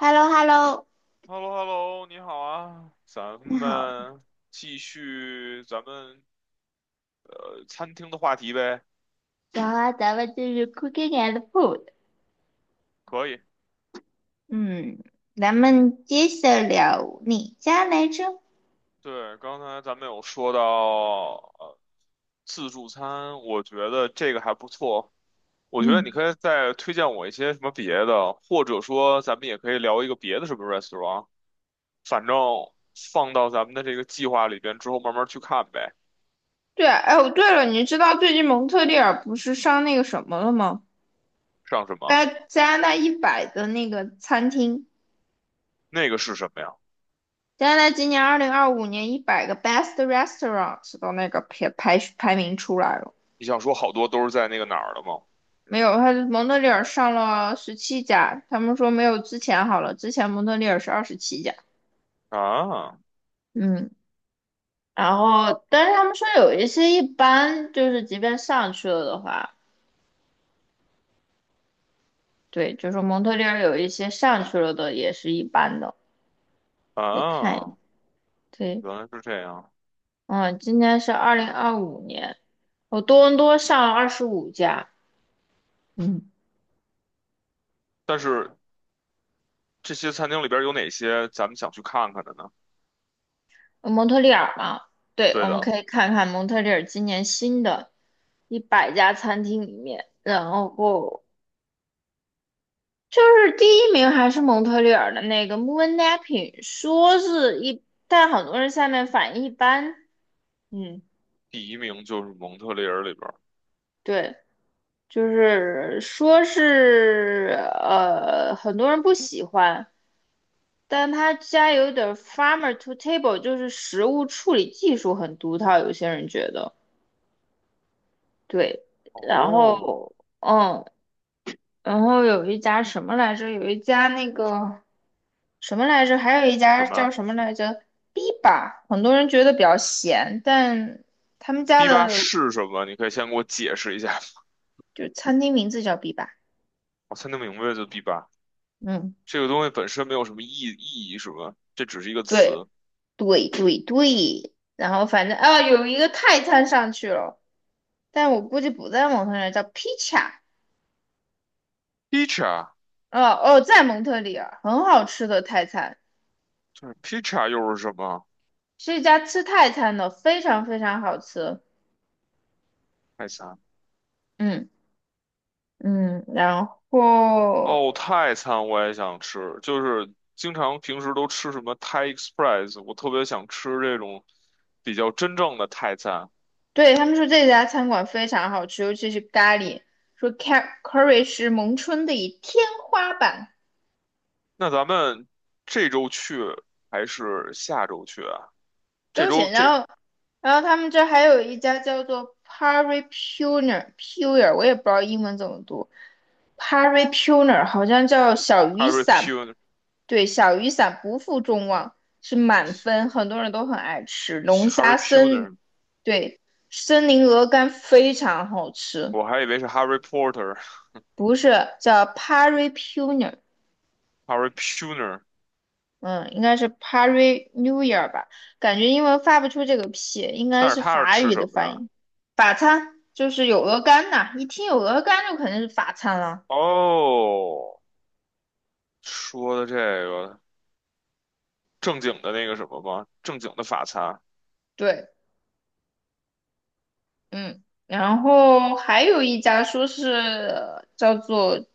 h e l l o h e l l o h e l l o h e l l o 你好啊，咱你好，们继续餐厅的话题呗，然后咱们就是 Cooking and Food。可以。嗯咱们接着聊哪家来着？对，刚才咱们有说到呃自助餐，我觉得这个还不错。我觉得你嗯，可以再推荐我一些什么别的，或者说咱们也可以聊一个别的什么 restaurant，反正放到咱们的这个计划里边之后慢慢去看呗。对啊，哎，哦，对了，你知道最近蒙特利尔不是上那个什么了吗？上什么？在加拿大一百的那个餐厅。那个是什么呀？加拿大今年二零二五年100个 Best Restaurants 的那个排名出来了。你想说好多都是在那个哪儿的吗？没有，他蒙特利尔上了十七家，他们说没有之前好了，之前蒙特利尔是27家。啊嗯，然后，但是他们说有一些一般，就是即便上去了的话，对，就是蒙特利尔有一些上去了的也是一般的，可以看一眼。啊！对。原来是这样。嗯，今年是二零二五年，我多伦多上了25家。嗯，但是这些餐厅里边有哪些咱们想去看看的呢？蒙特利尔嘛，对，对我们的，可以看看蒙特利尔今年新的100家餐厅里面，然后就是第一名还是蒙特利尔的那个 Moon Napping，说是一，但很多人下面反应一般。嗯，第一名就是蒙特利尔里边。对，就是说是很多人不喜欢，但他家有点儿 farmer to table，就是食物处理技术很独特，有些人觉得对。然哦，后，嗯，然后有一家什么来着？有一家那个什么来着？还有一什家叫么什么来着？Biba，很多人觉得比较咸，但他们家？B 八的，是什么？你可以先给我解释一下吗，就餐厅名字叫 Biba。我才能明白就 B 八嗯。这个东西本身没有什么意义，是吧？这只是一个对，词。对对对，然后反正啊，有一个泰餐上去了，但我估计不在蒙特利尔，叫披萨。Pizza 哦哦，在蒙特利尔，很好吃的泰餐，就是 pizza 又是什么？是一家吃泰餐的，非常非常好吃。泰餐。嗯嗯，然后哦，泰餐我也想吃，就是经常平时都吃什么 Thai Express，我特别想吃这种比较真正的泰餐。对他们说这家餐馆非常好吃，尤其是咖喱，说 curry 是蒙春的一天花板。那咱们这周去还是下周去啊？这都行。周然这 后，然后他们这还有一家叫做 Pari Puner Puer，我也不知道英文怎么读，Pari Puner 好像叫小雨 Harry 伞，Puner，Harry 对，小雨伞不负众望，是满分，很多人都很爱吃龙虾森，Puner，对，森林鹅肝非常好吃，我还以为是 Harry Potter，Harry 不是叫 Pari Puner。Puner，嗯，应该是 p a r i New Year 吧？感觉英文发不出这个 P，应 该但是是他是法吃语什的么发的？音。法餐就是有鹅肝呐，一听有鹅肝就肯定是法餐了。哦，说的这个正经的那个什么吗？正经的法餐对，嗯，然后还有一家说是叫做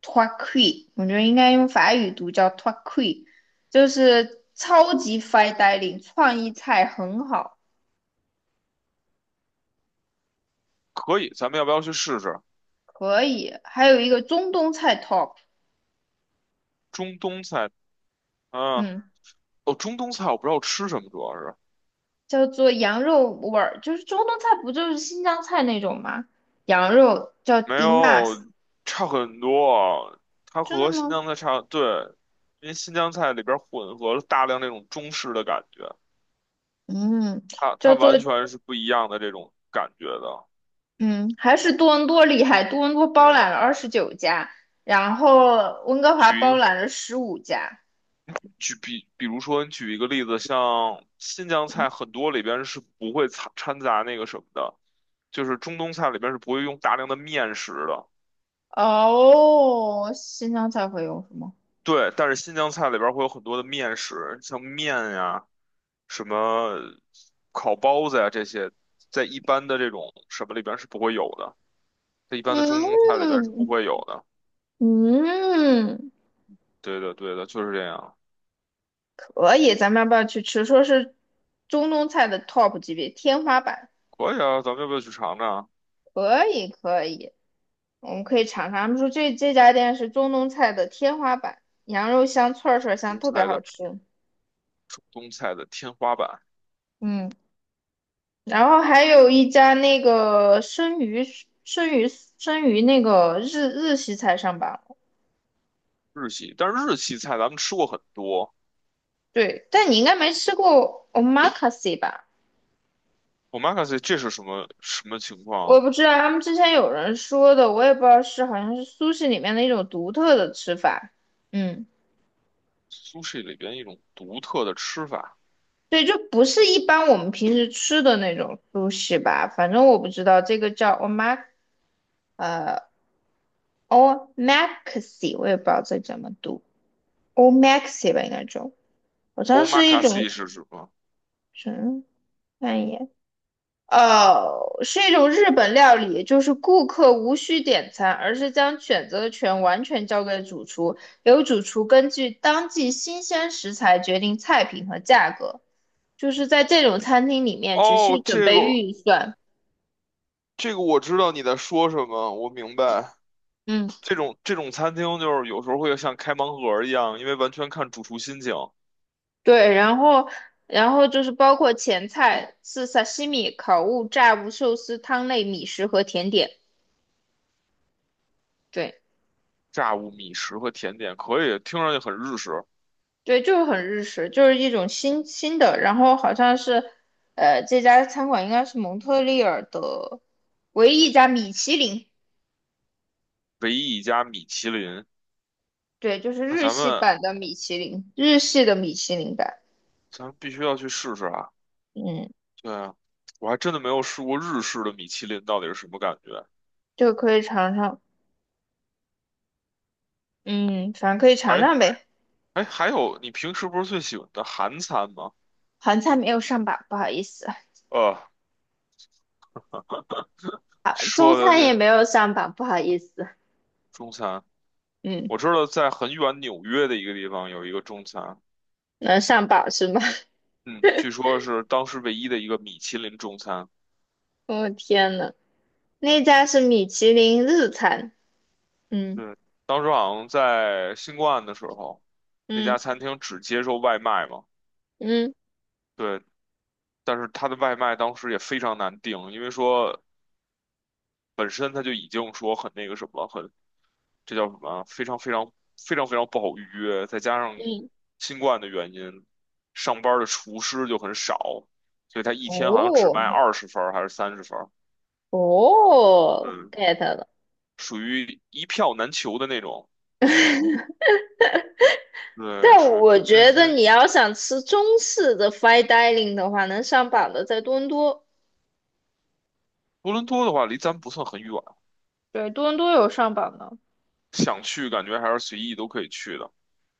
t o i q u i， 我觉得应该用法语读叫 t o i q u i， 就是超级 fine dining，创意菜很好。可以，咱们要不要去试试可以。还有一个中东菜 Top。中东菜？嗯，嗯。哦，中东菜我不知道吃什么，主要是。叫做羊肉味儿，就是中东菜不就是新疆菜那种吗？羊肉叫 没 dimas。有，差很多。它真的和新吗？疆菜差，对，因为新疆菜里边混合了大量那种中式的感觉，嗯，它叫做完全是不一样的这种感觉的。嗯，还是多伦多厉害，多伦多包对，揽了29家，然后温哥华举一包个揽了十五家。举比，比如说你举一个例子，像新疆嗯，菜很多里边是不会掺杂那个什么的，就是中东菜里边是不会用大量的面食的。哦，新疆菜会有什么？对，但是新疆菜里边儿会有很多的面食，像面呀、什么烤包子呀这些，在一般的这种什么里边儿是不会有的，在一般的中东菜里边儿是不嗯会有的。嗯，对的，对的，就是这样。可以，咱们要不要去吃？说是中东菜的 top 级别，天花板。可以啊，咱们要不要去尝尝可以可以。我们可以尝尝。他们说这家店是中东菜的天花板，羊肉香、串串香，东特别菜好的吃。东菜的天花板嗯，然后还有一家那个生鱼生鱼那个日系菜上榜了。日系？但是日系菜咱们吃过很多。对，但你应该没吃过 omakase 吧？omakase 这是什么什么情况我也啊不知道，他们之前有人说的，我也不知道是好像是苏式里面的一种独特的吃法。嗯，？sushi 里边一种独特的吃法。对，就不是一般我们平时吃的那种苏式吧，反正我不知道这个叫 O Maxi，我也不知道这怎么读，O Maxi 吧，应该中。好像是一种 omakase 是什么？什么，看一眼。哦，是一种日本料理，就是顾客无需点餐，而是将选择权完全交给主厨，由主厨根据当季新鲜食材决定菜品和价格。就是在这种餐厅里面，只哦，需准这备个。预算。这个我知道你在说什么，我明白。嗯。这种餐厅就是有时候会像开盲盒一样，因为完全看主厨心情。对，然后，然后就是包括前菜是萨西米、烤物、炸物、寿司、汤类、米食和甜点。对，炸物、米食和甜点可以，听上去很日式。对，就是很日式，就是一种新新的。然后好像是，这家餐馆应该是蒙特利尔的唯一一家米其林。唯一一家米其林，对，就是那日咱系们版的米其林，日系的米其林版。咱们必须要去试试啊！嗯，对啊，我还真的没有试过日式的米其林到底是什么感觉。就可以尝尝。嗯，反正可以尝哎尝呗。哎，还有你平时不是最喜欢的韩餐吗？韩餐没有上榜，不好意思。呃，啊，中说餐也的这没有上榜，不好意思。中餐，嗯。我知道在很远纽约的一个地方有一个中餐。能上榜是吗？嗯，据说是当时唯一的一个米其林中餐。我天呐，那家是米其林日餐。嗯对，当时好像在新冠的时候，那嗯家餐厅只接受外卖嘛。嗯对，但是它的外卖当时也非常难订，因为说本身它就已经说很那个什么，很这叫什么啊，非常非常非常非常不好预约，再加上嗯，新冠的原因，上班的厨师就很少，所以他一天好像只卖哦20份儿还是30份儿哦嗯，，get 了。属于一票难求的那种。对，但属于我这觉得些。你要想吃中式的 fine dining 的话，能上榜的在多伦多。多伦多的话，离咱不算很远，对，多伦多有上榜的。想去感觉还是随意都可以去的，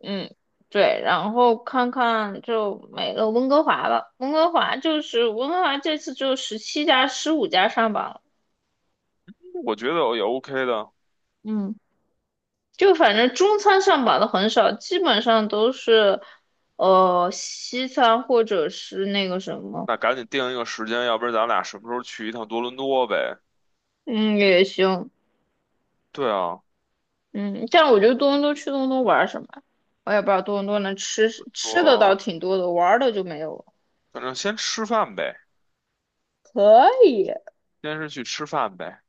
嗯，对，然后看看就没了温哥华了，温哥华就是温哥华这次只有十七家、十五家上榜了。我觉得也 OK 的。嗯。就反正中餐上榜的很少，基本上都是西餐或者是那个什么。那赶紧定一个时间，要不然咱俩什么时候去一趟多伦多呗？嗯，也行。对啊，嗯，但我觉得多伦多去多伦多玩什么呀。我也不知道多伦多能吃吃的倒我挺多的，玩儿的就没有了。反正先吃饭呗，可以。先是去吃饭呗。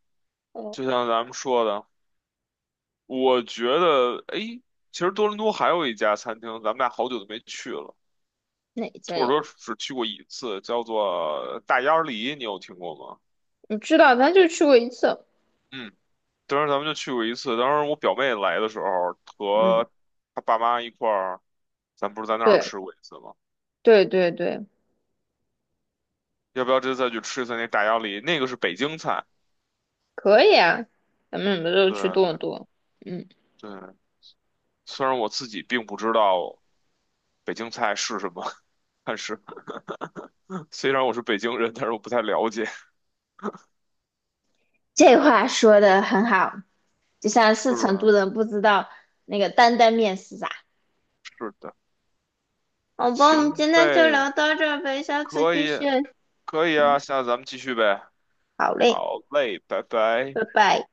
哦，就像咱们说的，我觉得，哎，其实多伦多还有一家餐厅，咱们俩好久都没去了，哪家或者有？说只去过一次，叫做大鸭梨，你有听过吗？你知道，咱就去过一次。嗯。当时咱们就去过一次，当时我表妹来的时候嗯，和她爸妈一块儿，咱不是在那儿对吃过一次吗？对对对，要不要这次再去吃一次那大鸭梨？那个是北京菜。可以啊，咱们什么时候去多伦对多？嗯，对，虽然我自己并不知道北京菜是什么，但是虽然我是北京人，但是我不太了解。这话说的很好。就像是是成的，都人不知道那个担担面是啥。是的，好吧，我们行今天就呗，聊到这儿呗，下次可继以，续。可以啊，下次咱们继续呗。好嘞，好嘞，拜拜。拜拜。